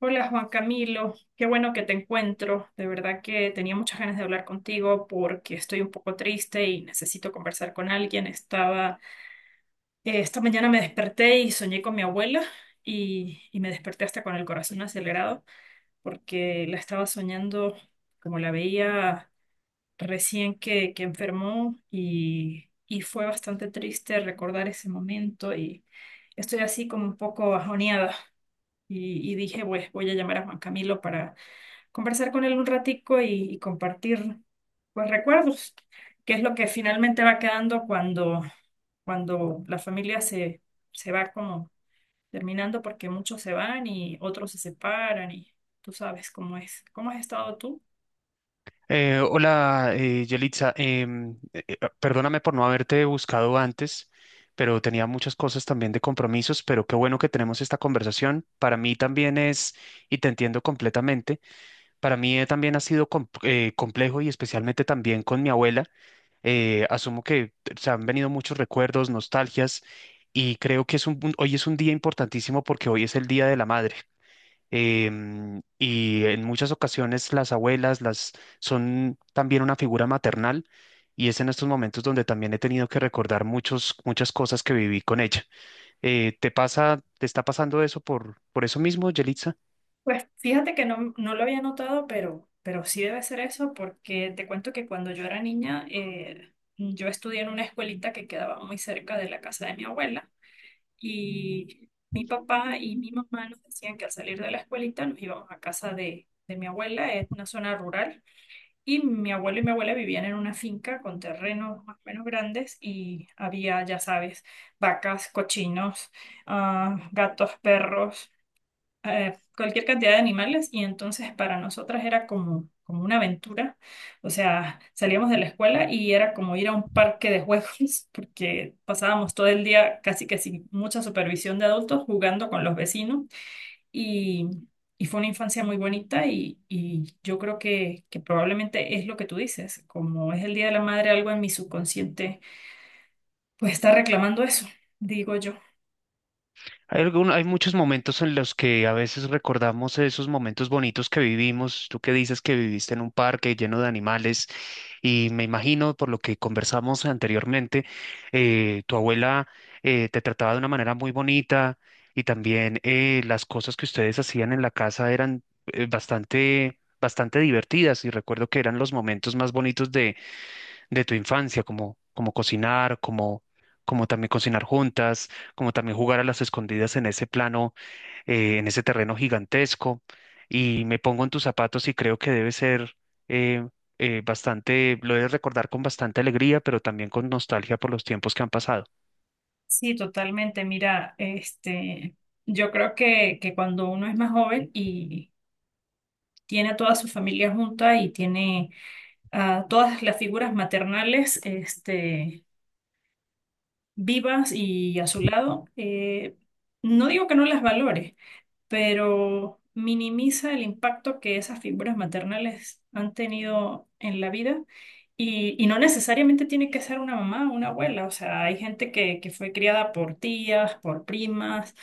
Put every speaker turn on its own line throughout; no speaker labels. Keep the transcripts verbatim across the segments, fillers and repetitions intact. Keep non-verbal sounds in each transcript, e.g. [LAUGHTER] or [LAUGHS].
Hola Juan Camilo, qué bueno que te encuentro. De verdad que tenía muchas ganas de hablar contigo porque estoy un poco triste y necesito conversar con alguien. Estaba, eh, esta mañana me desperté y soñé con mi abuela y, y me desperté hasta con el corazón acelerado porque la estaba soñando como la veía recién que, que enfermó y, y fue bastante triste recordar ese momento y estoy así como un poco bajoneada y, y dije, pues voy a llamar a Juan Camilo para conversar con él un ratico y, y compartir pues recuerdos, que es lo que finalmente va quedando cuando, cuando la familia se, se va como terminando porque muchos se van y otros se separan y tú sabes cómo es, cómo has estado tú.
Eh, hola, eh, Yelitza. Em, eh, eh, perdóname por no haberte buscado antes, pero tenía muchas cosas también de compromisos, pero qué bueno que tenemos esta conversación. Para mí también es, y te entiendo completamente, para mí eh, también ha sido com- eh, complejo y especialmente también con mi abuela. Eh, asumo que se han venido muchos recuerdos, nostalgias, y creo que es un, un- hoy es un día importantísimo porque hoy es el Día de la Madre, em, y en muchas ocasiones las abuelas las son también una figura maternal y es en estos momentos donde también he tenido que recordar muchos, muchas cosas que viví con ella. Eh, ¿te pasa, te está pasando eso por, por eso mismo, Yelitza?
Pues fíjate que no, no lo había notado, pero, pero sí debe ser eso porque te cuento que cuando yo era niña, eh, yo estudié en una escuelita que quedaba muy cerca de la casa de mi abuela. Y mi papá y mi mamá nos decían que al salir de la escuelita nos íbamos a casa de, de mi abuela, es una zona rural, y mi abuelo y mi abuela vivían en una finca con terrenos más o menos grandes y había, ya sabes, vacas, cochinos, ah, gatos, perros, eh, cualquier cantidad de animales y entonces para nosotras era como, como una aventura. O sea, salíamos de la escuela y era como ir a un parque de juegos [LAUGHS] porque pasábamos todo el día casi que sin mucha supervisión de adultos jugando con los vecinos y, y fue una infancia muy bonita y, y yo creo que, que probablemente es lo que tú dices, como es el Día de la Madre, algo en mi subconsciente pues está reclamando eso, digo yo.
Hay algún- hay muchos momentos en los que a veces recordamos esos momentos bonitos que vivimos. Tú que dices que viviste en un parque lleno de animales y me imagino por lo que conversamos anteriormente. Eh, tu abuela eh, te trataba de una manera muy bonita y también eh, las cosas que ustedes hacían en la casa eran eh, bastante, bastante divertidas y recuerdo que eran los momentos más bonitos de tu infancia, como, como cocinar, como, como también cocinar juntas, como también jugar a las escondidas en ese plano, eh, en ese terreno gigantesco. Y me pongo en tus zapatos y creo que debe ser eh, eh, bastante, lo debes recordar con bastante alegría, pero también con nostalgia por los tiempos que han pasado.
Sí, totalmente. Mira, este, yo creo que, que cuando uno es más joven y tiene a toda su familia junta y tiene a todas las figuras maternales, este, vivas y a su lado, eh, no digo que no las valore, pero minimiza el impacto que esas figuras maternales han tenido en la vida. Y, y no necesariamente tiene que ser una mamá o una abuela, o sea, hay gente que, que fue criada por tías, por primas,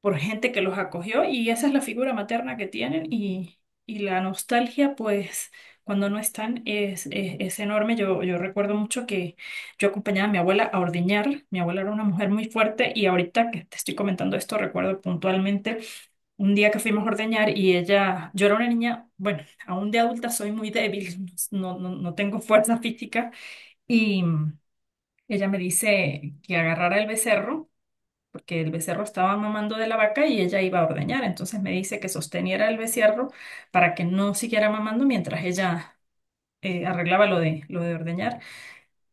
por gente que los acogió y esa es la figura materna que tienen y, y la nostalgia, pues cuando no están es, es, es enorme. Yo, yo recuerdo mucho que yo acompañaba a mi abuela a ordeñar. Mi abuela era una mujer muy fuerte y ahorita que te estoy comentando esto, recuerdo puntualmente un día que fuimos a ordeñar y ella, yo era una niña, bueno, aún de adulta soy muy débil, [LAUGHS] no, no, no tengo fuerza física y... Ella me dice que agarrara el becerro porque el becerro estaba mamando de la vaca y ella iba a ordeñar. Entonces me dice que sosteniera el becerro para que no siguiera mamando mientras ella eh, arreglaba lo de, lo de ordeñar.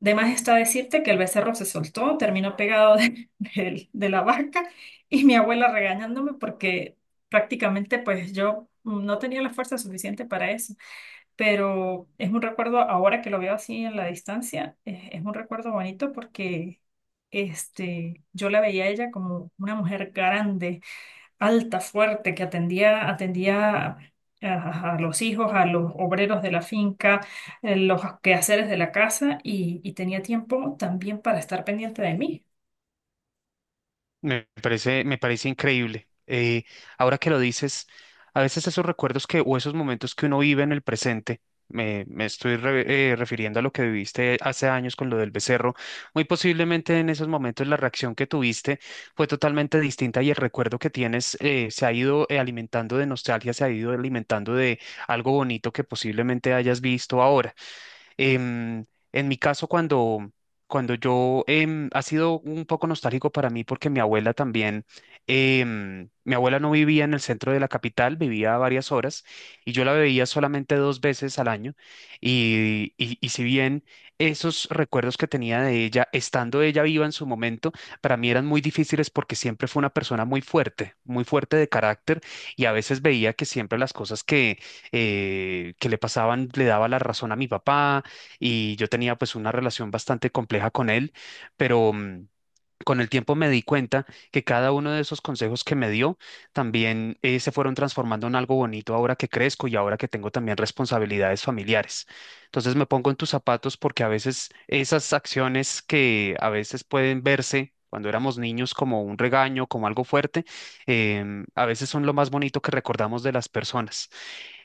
De más está decirte que el becerro se soltó, terminó pegado de, [LAUGHS] del- de la vaca y mi abuela regañándome porque prácticamente pues yo no tenía la fuerza suficiente para eso. Pero es un recuerdo, ahora que lo veo así en la distancia, eh, es un recuerdo bonito porque este, yo la veía a ella como una mujer grande, alta, fuerte, que atendía, atendía a, a los hijos, a los obreros de la finca, eh, los quehaceres de la casa y, y tenía tiempo también para estar pendiente de mí.
Me parece, me parece increíble. Eh, ahora que lo dices, a veces esos recuerdos que o esos momentos que uno vive en el presente, me, me estoy re- eh, refiriendo a lo que viviste hace años con lo del becerro, muy posiblemente en esos momentos la reacción que tuviste fue totalmente distinta y el recuerdo que tienes eh, se ha ido eh, alimentando de nostalgia, se ha ido alimentando de algo bonito que posiblemente hayas visto ahora. Em, en mi caso, cuando, cuando yo em, ha sido un poco nostálgico para mí porque mi abuela también, em, mi abuela no vivía en el centro de la capital, vivía a varias horas y yo la veía solamente dos veces al año. Y, y, y si bien esos recuerdos que tenía de ella, estando ella viva en su momento, para mí eran muy difíciles porque siempre fue una persona muy fuerte, muy fuerte de carácter y a veces veía que siempre las cosas que, eh, que le pasaban le daba la razón a mi papá y yo tenía pues una relación bastante compleja con él, pero... mm, con el tiempo me di cuenta que cada uno de esos consejos que me dio también eh, se fueron transformando en algo bonito ahora que crezco y ahora que tengo también responsabilidades familiares. Entonces me pongo en tus zapatos porque a veces esas acciones que a veces pueden verse cuando éramos niños como un regaño, como algo fuerte, em, a veces son lo más bonito que recordamos de las personas.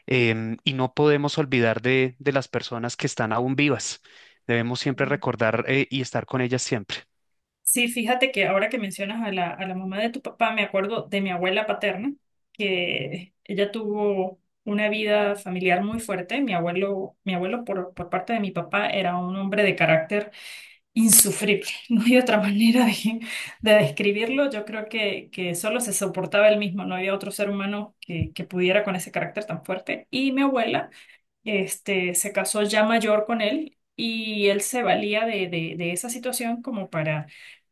Em, y no podemos olvidar de, de las personas que están aún vivas. Debemos siempre recordar, eh, y estar con ellas siempre.
Sí, fíjate que ahora que mencionas a la, a la mamá de tu papá, me acuerdo de mi abuela paterna, que ella tuvo una vida familiar muy fuerte. Mi abuelo, mi abuelo por, por parte de mi papá era un hombre de carácter insufrible. [LAUGHS] No hay otra manera de, de describirlo. Yo creo que, que solo se soportaba él mismo, no había otro ser humano que, que pudiera con ese carácter tan fuerte. Y mi abuela, este, se casó ya mayor con él y él se valía de, de, de esa situación como para,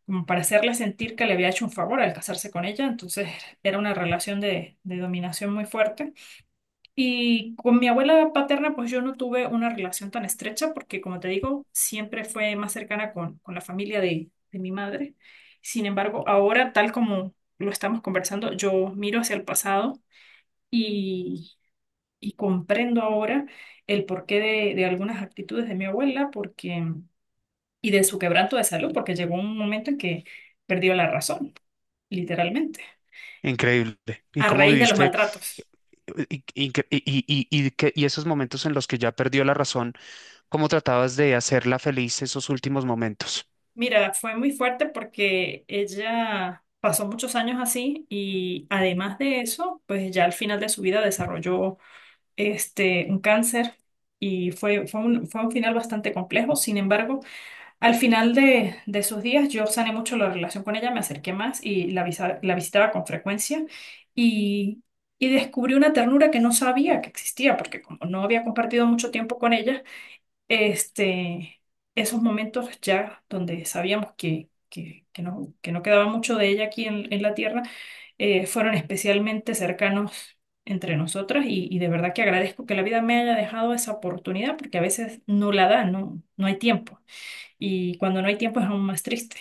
como para hacerle sentir que le había hecho un favor al casarse con ella. Entonces era una relación de, de dominación muy fuerte. Y con mi abuela paterna, pues yo no tuve una relación tan estrecha porque, como te digo, siempre fue más cercana con, con la familia de, de mi madre. Sin embargo, ahora, tal como lo estamos conversando, yo miro hacia el pasado y, y comprendo ahora el porqué de, de algunas actitudes de mi abuela porque, y de su quebranto de salud, porque llegó un momento en que perdió la razón, literalmente,
Increíble. ¿Y
a
cómo
raíz de los
viviste?
maltratos.
Y, y, y, y- y que- y esos momentos en los que ya perdió la razón, ¿cómo tratabas de hacerla feliz esos últimos momentos?
Mira, fue muy fuerte porque ella pasó muchos años así y además de eso, pues ya al final de su vida desarrolló este un cáncer y fue, fue un, fue un final bastante complejo. Sin embargo, al final de, de sus días yo sané mucho la relación con ella, me acerqué más y la, visa- la visitaba con frecuencia y, y descubrí una ternura que no sabía que existía porque como no había compartido mucho tiempo con ella, este, esos momentos ya donde sabíamos que, que, que no, que no quedaba mucho de ella aquí en, en la tierra, eh, fueron especialmente cercanos entre nosotras y, y de verdad que agradezco que la vida me haya dejado esa oportunidad porque a veces no la da, no, no hay tiempo y cuando no hay tiempo es aún más triste.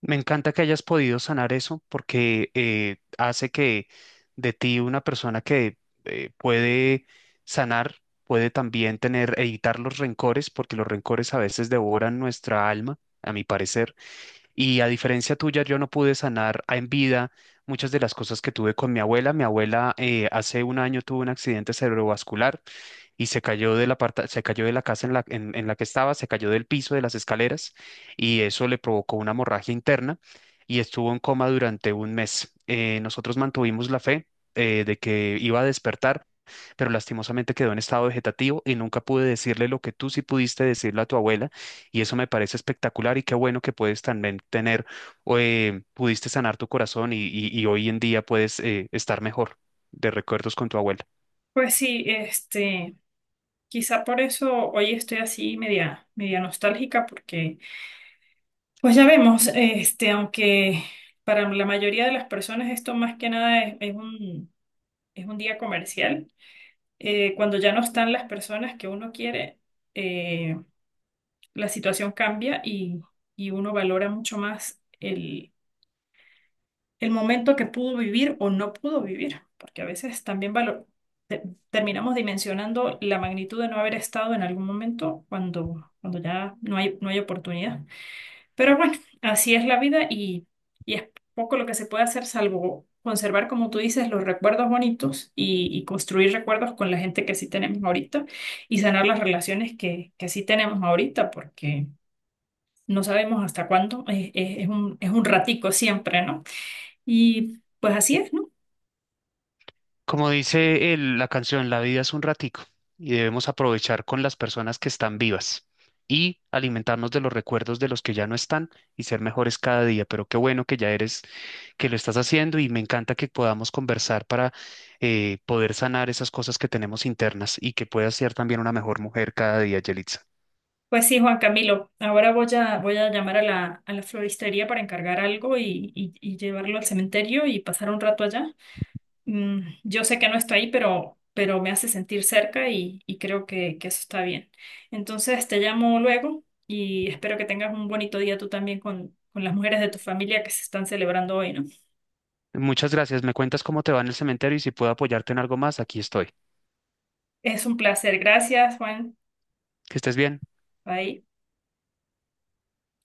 Me encanta que hayas podido sanar eso porque eh, hace que de ti una persona que eh, puede sanar, puede también tener, evitar los rencores, porque los rencores a veces devoran nuestra alma, a mi parecer. Y a diferencia tuya, yo no pude sanar a- en vida muchas de las cosas que tuve con mi abuela. Mi abuela eh, hace un año tuvo un accidente cerebrovascular y se cayó de la parta- se cayó de la casa en la, en, en la que estaba, se cayó del piso de las escaleras y eso le provocó una hemorragia interna y estuvo en coma durante un mes. Eh, nosotros mantuvimos la fe eh, de que iba a despertar, pero lastimosamente quedó en estado vegetativo y nunca pude decirle lo que tú sí pudiste decirle a tu abuela y eso me parece espectacular y qué bueno que puedes también tener, eh, pudiste sanar tu corazón y, y- y hoy en día puedes eh, estar mejor de recuerdos con tu abuela.
Pues sí, este, quizá por eso hoy estoy así media, media nostálgica porque pues ya vemos, este, aunque para la mayoría de las personas esto más que nada es, es un, es un día comercial, eh, cuando ya no están las personas que uno quiere, eh, la situación cambia y, y uno valora mucho más el, el momento que pudo vivir o no pudo vivir, porque a veces también valo- te- terminamos dimensionando la magnitud de no haber estado en algún momento cuando, cuando ya no hay, no hay oportunidad. Pero bueno, así es la vida y, y es poco lo que se puede hacer salvo conservar, como tú dices, los recuerdos bonitos y, y construir recuerdos con la gente que sí tenemos ahorita y sanar las relaciones que, que sí tenemos ahorita porque no sabemos hasta cuándo, es, es- es un, es un ratico siempre, ¿no? Y pues así es, ¿no?
Como dice el- la canción, la vida es un ratico y debemos aprovechar con las personas que están vivas y alimentarnos de los recuerdos de los que ya no están y ser mejores cada día. Pero qué bueno que ya eres, que lo estás haciendo y me encanta que podamos conversar para eh, poder sanar esas cosas que tenemos internas y que puedas ser también una mejor mujer cada día, Yelitza.
Pues sí, Juan Camilo, ahora voy a, voy a llamar a la, a la floristería para encargar algo y, y y llevarlo al cementerio y pasar un rato allá. Mm, yo sé que no estoy ahí, pero, pero me hace sentir cerca y, y creo que, que eso está bien. Entonces te llamo luego y espero que tengas un bonito día tú también con, con las mujeres de tu familia que se están celebrando hoy, ¿no?
Muchas gracias. Me cuentas cómo te va en el cementerio y si puedo apoyarte en algo más, aquí estoy.
Es un placer. Gracias, Juan.
Que estés bien.
Bye.